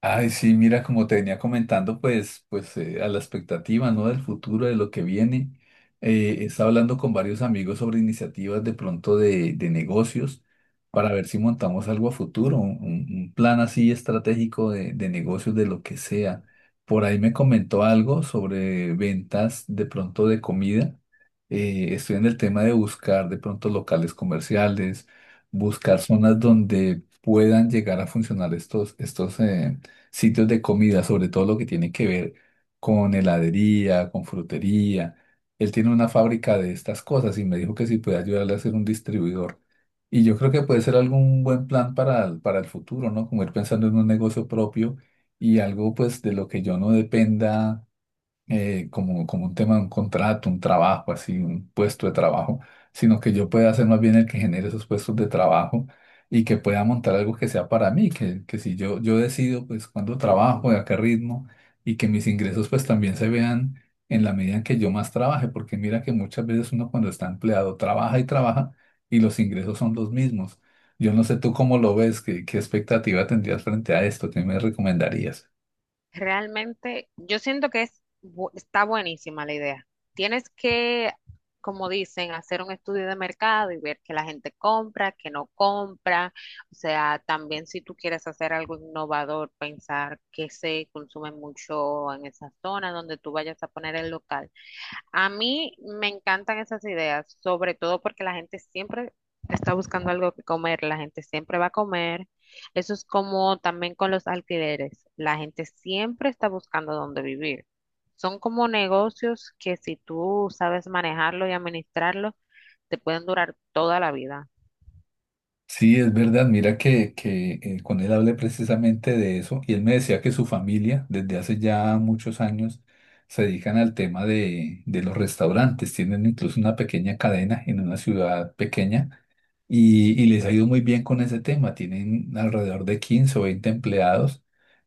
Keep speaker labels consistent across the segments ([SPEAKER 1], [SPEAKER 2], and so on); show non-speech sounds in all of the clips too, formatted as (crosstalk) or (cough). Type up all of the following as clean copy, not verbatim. [SPEAKER 1] Ay, sí, mira, como te venía comentando, a la expectativa, ¿no? Del futuro, de lo que viene. Estaba hablando con varios amigos sobre iniciativas de pronto de negocios para ver si montamos algo a futuro, un plan así estratégico de negocios, de lo que sea. Por ahí me comentó algo sobre ventas de pronto de comida. Estoy en el tema de buscar de pronto locales comerciales, buscar zonas donde puedan llegar a funcionar estos sitios de comida, sobre todo lo que tiene que ver con heladería, con frutería. Él tiene una fábrica de estas cosas y me dijo que si puede ayudarle a ser un distribuidor. Y yo creo que puede ser algún buen plan para el futuro, ¿no? Como ir pensando en un negocio propio y algo pues de lo que yo no dependa, como un tema, un contrato, un trabajo, así, un puesto de trabajo, sino que yo pueda ser más bien el que genere esos puestos de trabajo y que pueda montar algo que sea para mí, que si yo decido pues cuándo trabajo, de a qué ritmo, y que mis ingresos pues también se vean en la medida en que yo más trabaje, porque mira que muchas veces uno cuando está empleado trabaja y trabaja y los ingresos son los mismos. Yo no sé tú cómo lo ves, qué expectativa tendrías frente a esto, qué me recomendarías.
[SPEAKER 2] Realmente, yo siento que está buenísima la idea. Tienes que, como dicen, hacer un estudio de mercado y ver que la gente compra, que no compra. O sea, también si tú quieres hacer algo innovador, pensar que se consume mucho en esa zona donde tú vayas a poner el local. A mí me encantan esas ideas, sobre todo porque la gente siempre está buscando algo que comer, la gente siempre va a comer. Eso es como también con los alquileres, la gente siempre está buscando dónde vivir. Son como negocios que si tú sabes manejarlo y administrarlo, te pueden durar toda la vida.
[SPEAKER 1] Sí, es verdad. Mira que con él hablé precisamente de eso y él me decía que su familia desde hace ya muchos años se dedican al tema de los restaurantes. Tienen incluso una pequeña cadena en una ciudad pequeña y les ha ido muy bien con ese tema. Tienen alrededor de 15 o 20 empleados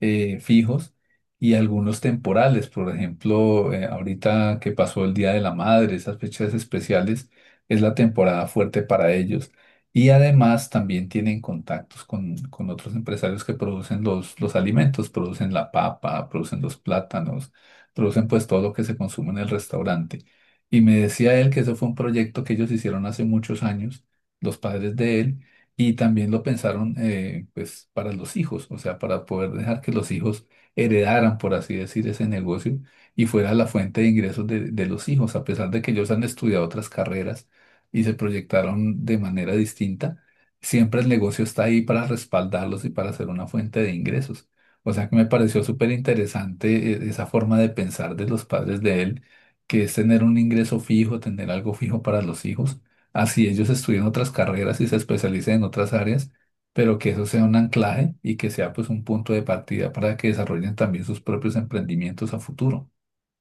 [SPEAKER 1] fijos y algunos temporales. Por ejemplo, ahorita que pasó el Día de la Madre, esas fechas especiales, es la temporada fuerte para ellos. Y además también tienen contactos con otros empresarios que producen los alimentos, producen la papa, producen los plátanos, producen pues todo lo que se consume en el restaurante. Y me decía él que eso fue un proyecto que ellos hicieron hace muchos años, los padres de él, y también lo pensaron, pues para los hijos, o sea, para poder dejar que los hijos heredaran, por así decir, ese negocio y fuera la fuente de ingresos de los hijos, a pesar de que ellos han estudiado otras carreras y se proyectaron de manera distinta, siempre el negocio está ahí para respaldarlos y para ser una fuente de ingresos. O sea que me pareció súper interesante esa forma de pensar de los padres de él, que es tener un ingreso fijo, tener algo fijo para los hijos, así ellos estudien otras carreras y se especialicen en otras áreas, pero que eso sea un anclaje y que sea pues un punto de partida para que desarrollen también sus propios emprendimientos a futuro.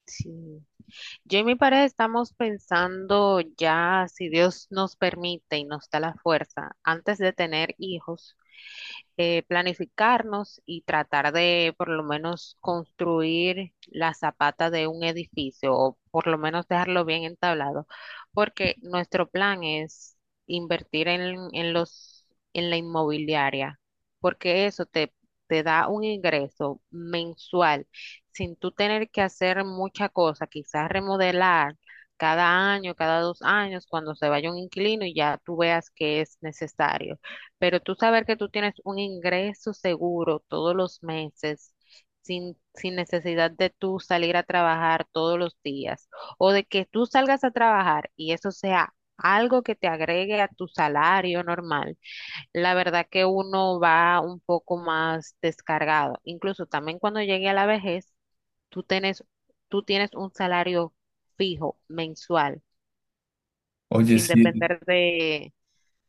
[SPEAKER 2] Sí. Yo y mi pareja estamos pensando ya, si Dios nos permite y nos da la fuerza, antes de tener hijos, planificarnos y tratar de por lo menos construir la zapata de un edificio o por lo menos dejarlo bien entablado, porque nuestro plan es invertir en en la inmobiliaria, porque eso te da un ingreso mensual sin tú tener que hacer mucha cosa, quizás remodelar cada año, cada 2 años, cuando se vaya un inquilino y ya tú veas que es necesario. Pero tú saber que tú tienes un ingreso seguro todos los meses, sin necesidad de tú salir a trabajar todos los días, o de que tú salgas a trabajar y eso sea algo que te agregue a tu salario normal, la verdad que uno va un poco más descargado. Incluso también cuando llegue a la vejez, tú tienes, tú tienes un salario fijo mensual,
[SPEAKER 1] Oye,
[SPEAKER 2] sin
[SPEAKER 1] sí,
[SPEAKER 2] depender de,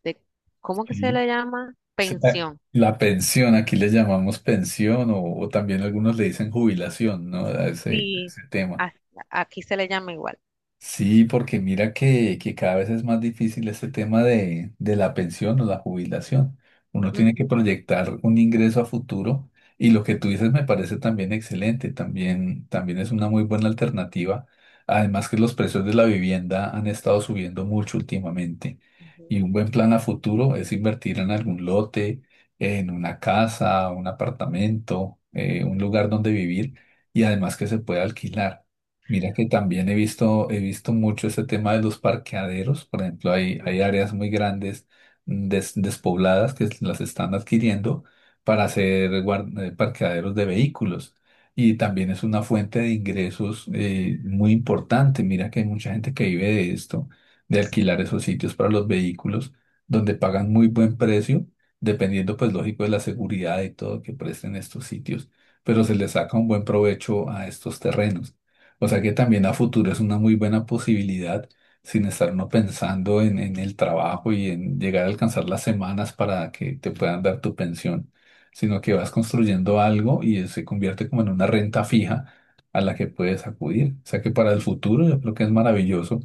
[SPEAKER 2] de ¿cómo que se le
[SPEAKER 1] sí.
[SPEAKER 2] llama?
[SPEAKER 1] se- La
[SPEAKER 2] Pensión.
[SPEAKER 1] la pensión, aquí le llamamos pensión o también algunos le dicen jubilación, ¿no? A
[SPEAKER 2] Sí.
[SPEAKER 1] ese tema.
[SPEAKER 2] A- Aquí se le llama igual.
[SPEAKER 1] Sí, porque mira que cada vez es más difícil este tema de la pensión o la jubilación. Uno tiene que
[SPEAKER 2] Ujú,
[SPEAKER 1] proyectar un ingreso a futuro y lo que tú dices me parece también excelente, también, también es una muy buena alternativa. Además que los precios de la vivienda han estado subiendo mucho últimamente y
[SPEAKER 2] ujú.
[SPEAKER 1] un buen plan a futuro es invertir en algún lote, en una casa, un apartamento, un lugar donde vivir y además que se pueda alquilar. Mira que también he visto mucho ese tema de los parqueaderos. Por ejemplo, hay áreas muy grandes, despobladas, que las están adquiriendo para hacer parqueaderos de vehículos. Y también es una fuente de ingresos, muy importante. Mira que hay mucha gente que vive de esto, de alquilar esos sitios para los vehículos, donde pagan muy buen precio, dependiendo, pues, lógico, de la seguridad y todo que presten estos sitios. Pero se les saca un buen provecho a estos terrenos. O sea que también a futuro es una muy buena posibilidad sin estar uno pensando en el trabajo y en llegar a alcanzar las semanas para que te puedan dar tu pensión, sino que
[SPEAKER 2] Y-
[SPEAKER 1] vas construyendo algo y se convierte como en una renta fija a la que puedes acudir. O sea que para el futuro yo creo que es maravilloso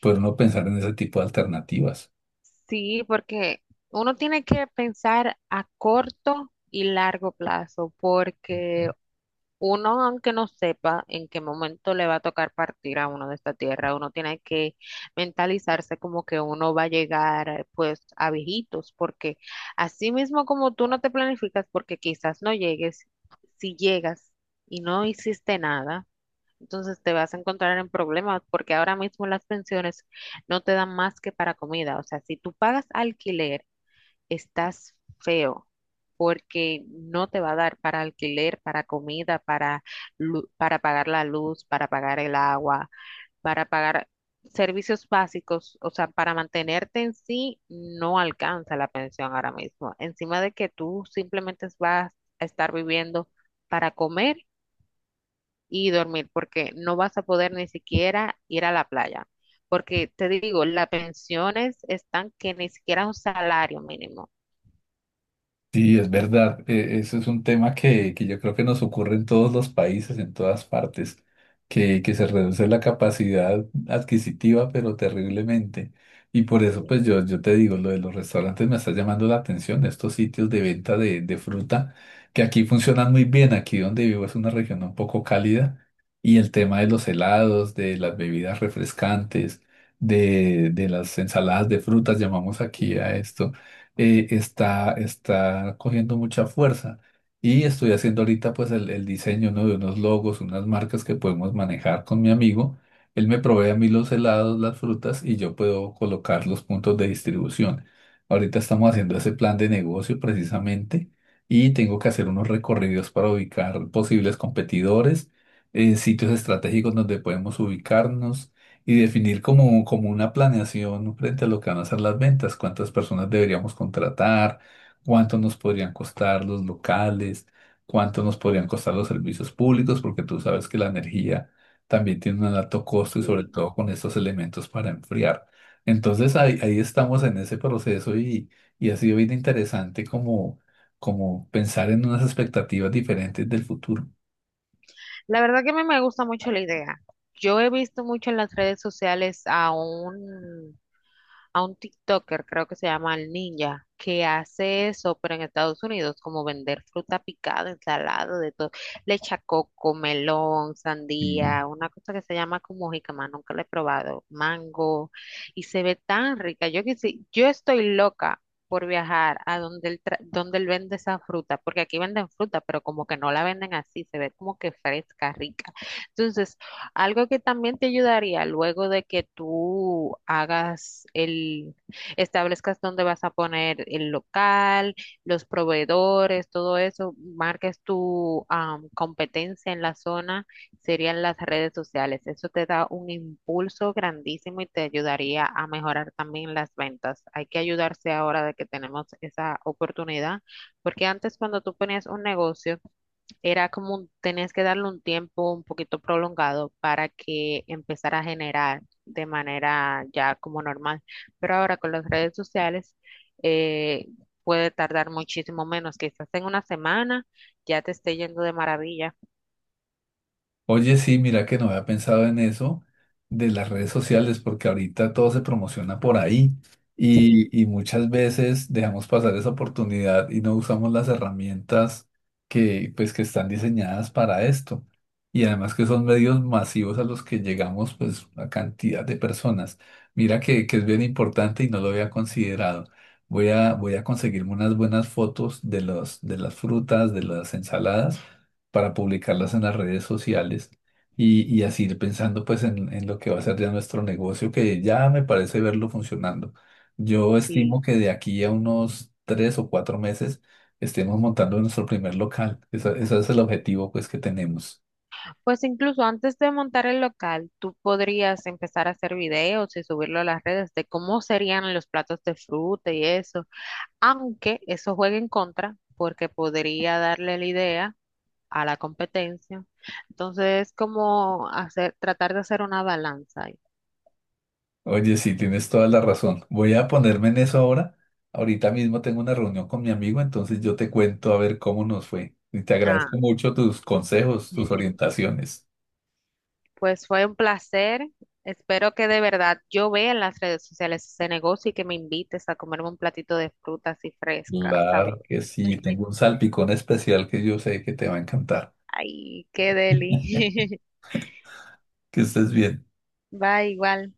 [SPEAKER 1] poder uno pensar en ese tipo de alternativas.
[SPEAKER 2] Sí, porque uno tiene que pensar a corto y largo plazo, porque uno, aunque no sepa en qué momento le va a tocar partir a uno de esta tierra, uno tiene que mentalizarse como que uno va a llegar pues a viejitos, porque así mismo como tú no te planificas, porque quizás no llegues, si llegas y no hiciste nada, entonces te vas a encontrar en problemas, porque ahora mismo las pensiones no te dan más que para comida, o sea, si tú pagas alquiler estás feo porque no te va a dar para alquiler, para comida, para, para pagar la luz, para pagar el agua, para pagar servicios básicos, o sea, para mantenerte en sí, no alcanza la pensión ahora mismo. Encima de que tú simplemente vas a estar viviendo para comer y dormir, porque no vas a poder ni siquiera ir a la playa. Porque te digo, las pensiones están que ni siquiera un salario mínimo.
[SPEAKER 1] Sí, es verdad. Eso es un tema que yo creo que nos ocurre en todos los países, en todas partes, que se reduce la capacidad adquisitiva, pero terriblemente. Y por eso, pues yo te digo, lo de los restaurantes me está llamando la atención, estos sitios de venta de fruta, que aquí funcionan muy bien. Aquí donde vivo es una región un poco cálida y el tema de los helados, de las bebidas refrescantes, de las ensaladas de frutas, llamamos aquí a
[SPEAKER 2] Sí.
[SPEAKER 1] esto, está cogiendo mucha fuerza. Y estoy haciendo ahorita pues el diseño, ¿no?, de unos logos, unas marcas que podemos manejar con mi amigo. Él me provee a mí los helados, las frutas, y yo puedo colocar los puntos de distribución. Ahorita estamos haciendo ese plan de negocio precisamente, y tengo que hacer unos recorridos para ubicar posibles competidores, sitios estratégicos donde podemos ubicarnos, y definir como, como una planeación frente a lo que van a ser las ventas, cuántas personas deberíamos contratar, cuánto nos podrían costar los locales, cuánto nos podrían costar los servicios públicos, porque tú sabes que la energía también tiene un alto costo, y sobre
[SPEAKER 2] Sí.
[SPEAKER 1] todo con estos elementos para enfriar. Entonces ahí estamos en ese proceso, y ha sido bien interesante como, como pensar en unas expectativas diferentes del futuro.
[SPEAKER 2] La verdad que a mí me gusta mucho la idea. Yo he visto mucho en las redes sociales a un TikToker, creo que se llama el Ninja, que hace eso, pero en Estados Unidos, como vender fruta picada, ensalada, de todo, le echa coco, melón, sandía, una cosa que se llama como jícama, nunca la he probado, mango, y se ve tan rica. Yo que sí, yo estoy loca por viajar a donde él vende esa fruta, porque aquí venden fruta, pero como que no la venden así, se ve como que fresca, rica. Entonces, algo que también te ayudaría luego de que tú hagas establezcas dónde vas a poner el local, los proveedores, todo eso, marques tu competencia en la zona, serían las redes sociales. Eso te da un impulso grandísimo y te ayudaría a mejorar también las ventas. Hay que ayudarse ahora de que tenemos esa oportunidad, porque antes cuando tú ponías un negocio, era como tenías que darle un tiempo un poquito prolongado para que empezara a generar de manera ya como normal. Pero ahora con las redes sociales eh, puede tardar muchísimo menos, quizás en una semana ya te esté yendo de maravilla.
[SPEAKER 1] Oye, sí, mira que no había pensado en eso de las redes
[SPEAKER 2] Ujú.
[SPEAKER 1] sociales, porque ahorita todo se promociona por ahí,
[SPEAKER 2] Sí,
[SPEAKER 1] y muchas veces dejamos pasar esa oportunidad y no usamos las herramientas pues, que están diseñadas para esto. Y además que son medios masivos a los que llegamos, pues, a cantidad de personas. Mira que es bien importante y no lo había considerado. Voy a conseguirme unas buenas fotos de los, de las frutas, de las ensaladas, para publicarlas en las redes sociales, y así ir pensando pues en lo que va a ser ya nuestro negocio, que ya me parece verlo funcionando. Yo estimo
[SPEAKER 2] sí.
[SPEAKER 1] que de aquí a unos 3 o 4 meses estemos montando nuestro primer local. Ese es el objetivo pues que tenemos.
[SPEAKER 2] Pues incluso antes de montar el local, tú podrías empezar a hacer videos y subirlo a las redes de cómo serían los platos de fruta y eso, aunque eso juegue en contra, porque podría darle la idea a la competencia. Entonces, es como hacer, tratar de hacer una balanza ahí.
[SPEAKER 1] Oye, sí, tienes toda la razón. Voy a ponerme en eso ahora. Ahorita mismo tengo una reunión con mi amigo, entonces yo te cuento a ver cómo nos fue. Y te
[SPEAKER 2] Ah,
[SPEAKER 1] agradezco mucho tus consejos, tus orientaciones.
[SPEAKER 2] pues fue un placer. Espero que de verdad yo vea en las redes sociales ese negocio y que me invites a comerme un platito de fruta así fresca,
[SPEAKER 1] Claro
[SPEAKER 2] sabrosa.
[SPEAKER 1] que sí, tengo un
[SPEAKER 2] (laughs)
[SPEAKER 1] salpicón especial que yo sé que te va a encantar.
[SPEAKER 2] Ay, qué deli.
[SPEAKER 1] (laughs) Que estés bien.
[SPEAKER 2] (laughs) Bye, igual.